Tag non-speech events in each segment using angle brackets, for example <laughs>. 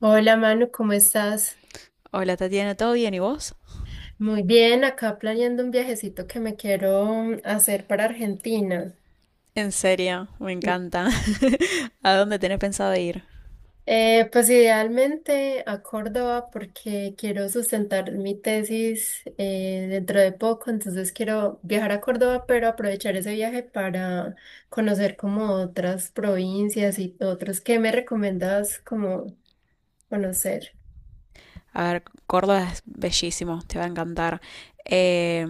Hola Manu, ¿cómo estás? Hola Tatiana, ¿todo bien y vos? Muy bien, acá planeando un viajecito que me quiero hacer para Argentina. En serio, me encanta. <laughs> ¿A dónde tenés pensado ir? Pues idealmente a Córdoba porque quiero sustentar mi tesis dentro de poco, entonces quiero viajar a Córdoba, pero aprovechar ese viaje para conocer como otras provincias y otros. ¿Qué me recomiendas como conocer? A ver, Córdoba es bellísimo, te va a encantar. Eh,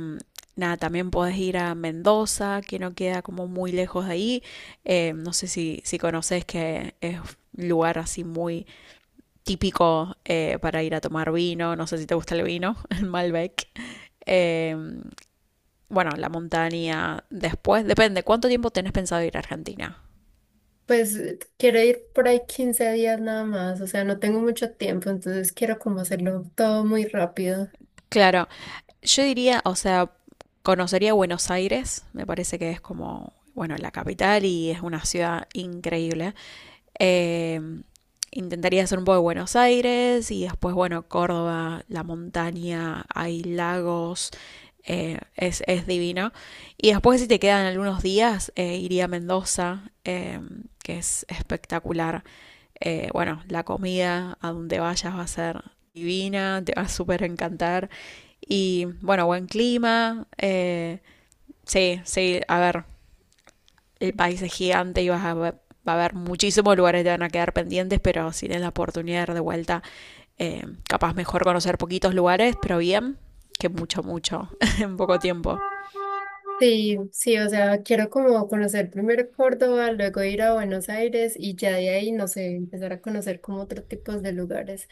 Nada, también podés ir a Mendoza, que no queda como muy lejos de ahí. No sé si conoces que es un lugar así muy típico para ir a tomar vino. No sé si te gusta el vino, <laughs> el Malbec. Eh, bueno, la montaña después, depende, ¿cuánto tiempo tenés pensado ir a Argentina? Pues quiero ir por ahí 15 días nada más, o sea, no tengo mucho tiempo, entonces quiero como hacerlo todo muy rápido. Claro, yo diría, o sea, conocería Buenos Aires, me parece que es como, bueno, la capital y es una ciudad increíble. Eh, Intentaría hacer un poco de Buenos Aires y después, bueno, Córdoba, la montaña, hay lagos, es divino. Y después, si te quedan algunos días, iría a Mendoza, que es espectacular. Bueno, la comida a donde vayas va a ser divina, te va a súper encantar. Y bueno, buen clima. Sí, sí, a ver, el país es gigante y va a haber muchísimos lugares que te van a quedar pendientes, pero si tienes la oportunidad de ir de vuelta, capaz mejor conocer poquitos lugares, pero bien, que mucho, mucho, <laughs> en poco tiempo. Sí, sí, o sea, quiero como conocer primero Córdoba, luego ir a Buenos Aires y ya de ahí, no sé, empezar a conocer como otros tipos de lugares.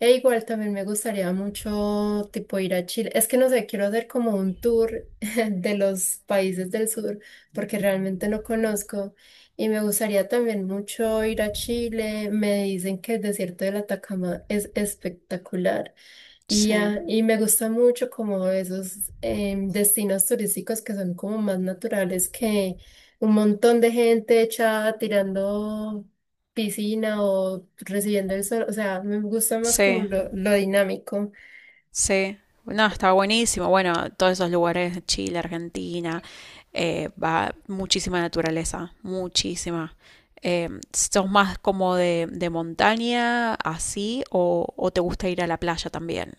E igual también me gustaría mucho tipo ir a Chile. Es que no sé, quiero hacer como un tour <laughs> de los países del sur porque realmente no conozco y me gustaría también mucho ir a Chile. Me dicen que el desierto de la Atacama es espectacular. Y, Sí, ya, y me gusta mucho como esos destinos turísticos que son como más naturales que un montón de gente echada tirando piscina o recibiendo el sol. O sea, me gusta más como sí, lo dinámico. sí. No, está buenísimo. Bueno, todos esos lugares, Chile, Argentina, va muchísima naturaleza, muchísima. ¿Sos más como de, montaña, así, o te gusta ir a la playa también?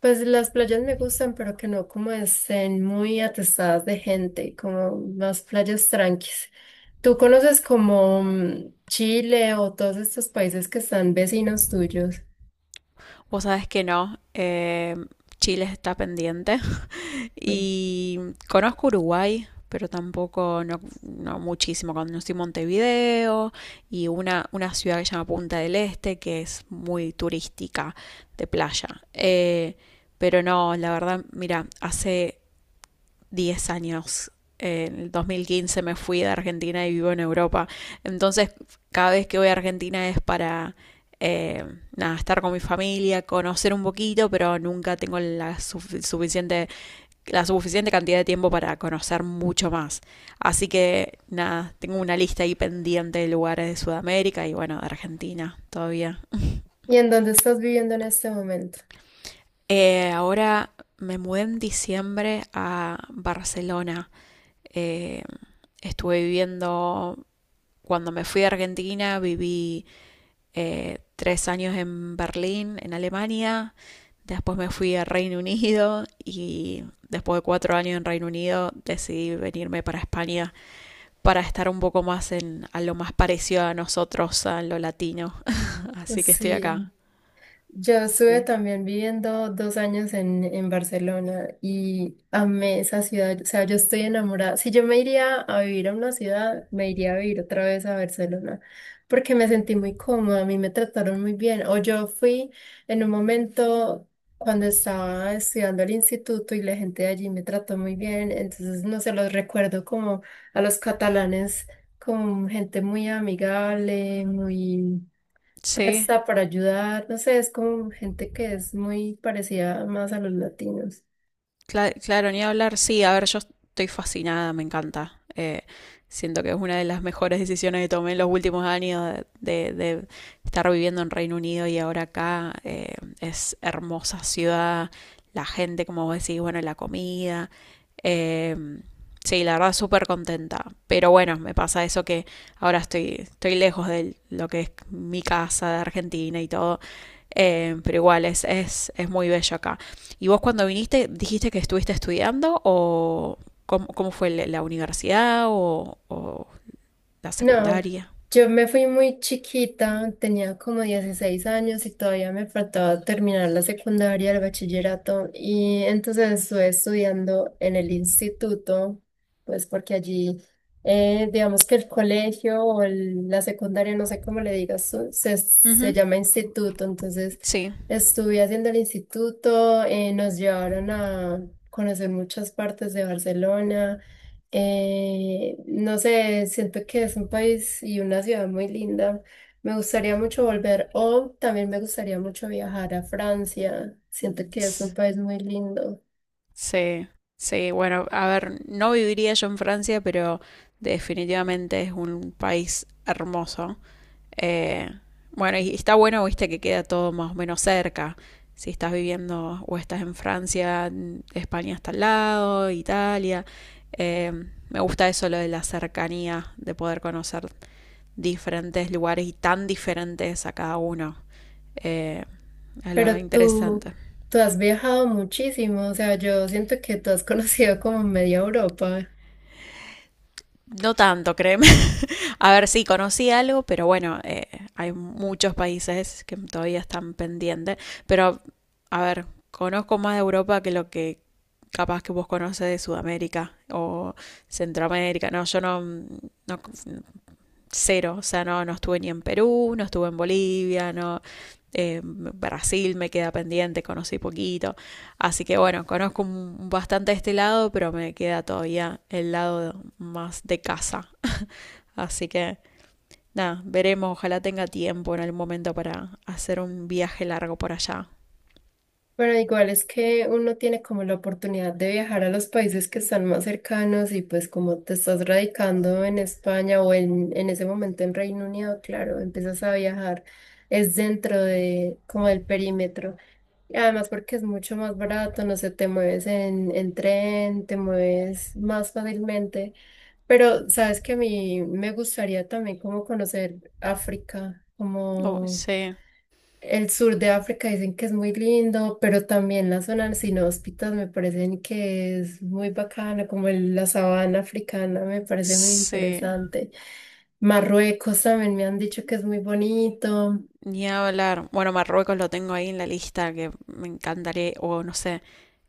Pues las playas me gustan, pero que no como estén muy atestadas de gente, como más playas tranquis. ¿Tú conoces como Chile o todos estos países que están vecinos tuyos? Vos sabés que no, Chile está pendiente <laughs> Mm. y conozco Uruguay, pero tampoco, no, no muchísimo. Conocí Montevideo y una ciudad que se llama Punta del Este, que es muy turística de playa. Pero no, la verdad, mira, hace 10 años. En el 2015 me fui de Argentina y vivo en Europa. Entonces, cada vez que voy a Argentina es para eh, nada, estar con mi familia, conocer un poquito, pero nunca tengo suficiente, la suficiente cantidad de tiempo para conocer mucho más. Así que nada, tengo una lista ahí pendiente de lugares de Sudamérica y bueno, de Argentina todavía. ¿Y en dónde estás viviendo en este momento? Ahora me mudé en diciembre a Barcelona. Eh, estuve viviendo Cuando me fui a Argentina viví 3 años en Berlín, en Alemania, después me fui a Reino Unido y después de 4 años en Reino Unido decidí venirme para España para estar un poco más en a lo más parecido a nosotros, a lo latino. Así que estoy acá. Sí. Yo estuve Sí. también viviendo 2 años en Barcelona y amé esa ciudad. O sea, yo estoy enamorada. Si yo me iría a vivir a una ciudad, me iría a vivir otra vez a Barcelona porque me sentí muy cómoda, a mí me trataron muy bien. O yo fui en un momento cuando estaba estudiando al instituto y la gente de allí me trató muy bien. Entonces, no se los recuerdo como a los catalanes, como gente muy amigable, muy Sí, presta para ayudar, no sé, es como gente que es muy parecida más a los latinos. claro, ni hablar. Sí, a ver, yo estoy fascinada, me encanta. Siento que es una de las mejores decisiones que tomé en los últimos años de, de- estar viviendo en Reino Unido y ahora acá. Es hermosa ciudad, la gente, como vos decís, bueno, la comida. Eh, sí, la verdad, súper contenta. Pero bueno, me pasa eso que ahora estoy lejos de lo que es mi casa de Argentina y todo. Pero igual, es muy bello acá. ¿Y vos cuando viniste, dijiste que estuviste estudiando o cómo fue la universidad o la No, secundaria? yo me fui muy chiquita, tenía como 16 años y todavía me faltaba terminar la secundaria, el bachillerato, y entonces estuve estudiando en el instituto, pues porque allí, digamos que el colegio o la secundaria, no sé cómo le digas, tú, se Ujú, llama instituto, entonces sí, estuve haciendo el instituto, nos llevaron a conocer muchas partes de Barcelona. No sé, siento que es un país y una ciudad muy linda. Me gustaría mucho volver o también me gustaría mucho viajar a Francia. Siento que es un S- país muy lindo. sí, sí. Bueno, a ver, no viviría yo en Francia, pero definitivamente es un país hermoso. Eh, bueno, y está bueno, viste, que queda todo más o menos cerca. Si estás viviendo o estás en Francia, España está al lado, Italia. Eh, Me gusta eso, lo de la cercanía, de poder conocer diferentes lugares y tan diferentes a cada uno. Eh, es lo Pero tú, interesante. tú has viajado muchísimo, o sea, yo siento que tú has <laughs> conocido como media Europa. No tanto, créeme. <laughs> A ver, sí, conocí algo, pero bueno, hay muchos países que todavía están pendientes. Pero, a ver, conozco más de Europa que lo que capaz que vos conoces de Sudamérica o Centroamérica. No, yo no, no cero, o sea, no, no estuve ni en Perú, no estuve en Bolivia, no, Brasil me queda pendiente, conocí poquito. Así que bueno, conozco bastante este lado, pero me queda todavía el lado más de casa. Así que nada, veremos, ojalá tenga tiempo en algún momento para hacer un viaje largo por allá. Pero igual es que uno tiene como la oportunidad de viajar a los países que están más cercanos y pues como te estás radicando en España o en ese momento en Reino Unido, claro, empiezas a viajar, es dentro de como del perímetro. Y además porque es mucho más barato, no sé, te mueves en tren, te mueves más fácilmente. Pero sabes que a mí me gustaría también como conocer África, Oh, como... sí, El sur de África dicen que es muy lindo, pero también la zona sin hóspitas me parecen que es muy bacana, como la sabana africana me parece muy sí. interesante. Marruecos también me han dicho que es muy bonito. Ni hablar. Bueno, Marruecos lo tengo ahí en la lista que me encantaría, o no sé,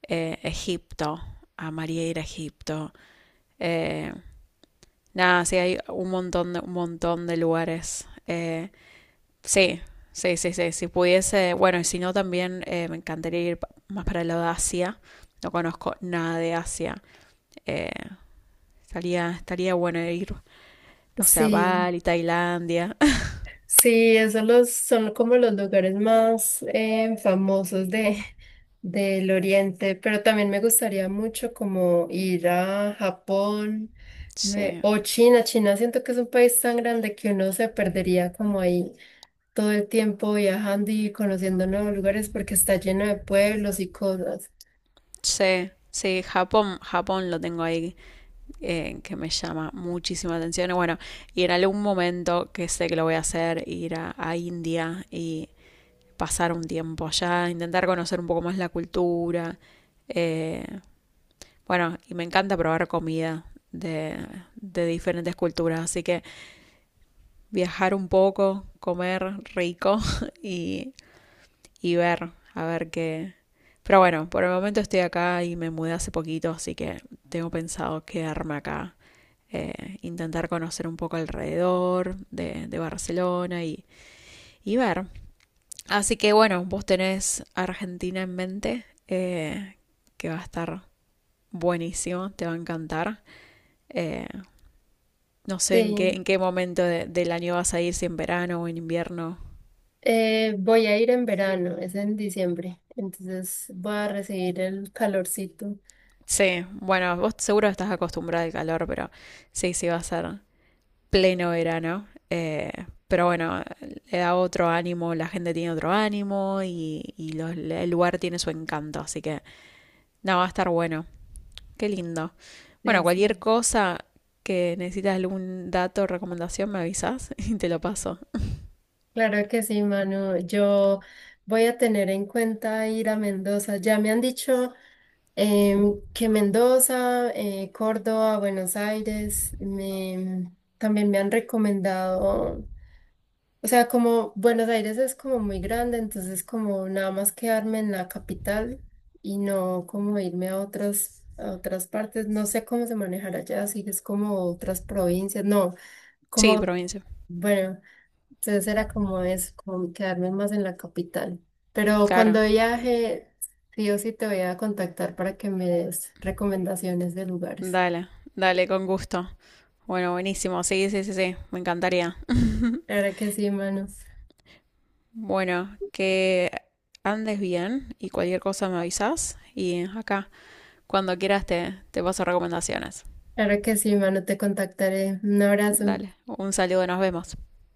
Egipto. Amaría ir a Egipto. Eh, nada, sí, hay un montón de lugares. Sí, sí, sí, sí. Si pudiese, bueno, y si no, también me encantaría ir más para el lado de Asia. No conozco nada de Asia. Eh, estaría bueno ir, no sé, a Sí. Bali, Tailandia. <laughs> Sí, son como los lugares más famosos de, <laughs> del Oriente, pero también me gustaría mucho como ir a Japón Sí, o China. China siento que es un país tan grande que uno se perdería como ahí todo el tiempo viajando y conociendo nuevos lugares porque está lleno de pueblos y cosas. sí, sí, Japón lo tengo ahí que me llama muchísima atención. Y bueno, y en algún momento que sé que lo voy a hacer, ir a India y pasar un tiempo allá, intentar conocer un poco más la cultura. Eh, bueno, y me encanta probar comida de, de diferentes culturas, así que viajar un poco, comer rico <laughs> y, y ver, a ver qué. Pero bueno, por el momento estoy acá y me mudé hace poquito, así que tengo pensado quedarme acá intentar conocer un poco alrededor de Barcelona y, ver. Así que bueno, vos tenés Argentina en mente, que va a estar buenísimo, te va a encantar. Eh, no sé en qué, Sí, en qué momento del año vas a ir, si en verano o en invierno. Voy a ir en verano, es en diciembre, entonces voy a recibir el calorcito. Sí, bueno, vos seguro estás acostumbrada al calor, pero sí, sí va a ser pleno verano. Pero bueno, le da otro ánimo, la gente tiene otro ánimo y el lugar tiene su encanto. Así que no, va a estar bueno. Qué lindo. Bueno, De cualquier sí. cosa que necesitas algún dato recomendación, me avisas <laughs> y te lo paso. Claro que sí, Manu. Yo voy a tener en cuenta ir a Mendoza. Ya me han dicho que Mendoza, Córdoba, Buenos Aires, también me han recomendado, o sea, como Buenos Aires es como muy grande, entonces como nada más quedarme en la capital y no como irme a a otras partes. No sé cómo se manejará allá, si es como otras provincias, no, Sí, como, provincia. bueno. Entonces era como eso, como quedarme más en la capital. Pero Claro. cuando viaje, sí o sí te voy a contactar para que me des recomendaciones de lugares. Dale, dale, con gusto. Bueno, buenísimo. Sí, sí, sí, sí. Me encantaría. Claro que sí, mano. Bueno, que andes bien y cualquier cosa me avisas. Y acá, cuando quieras, te paso recomendaciones. Claro que sí, mano, te contactaré. Un abrazo. Dale, un saludo, nos vemos.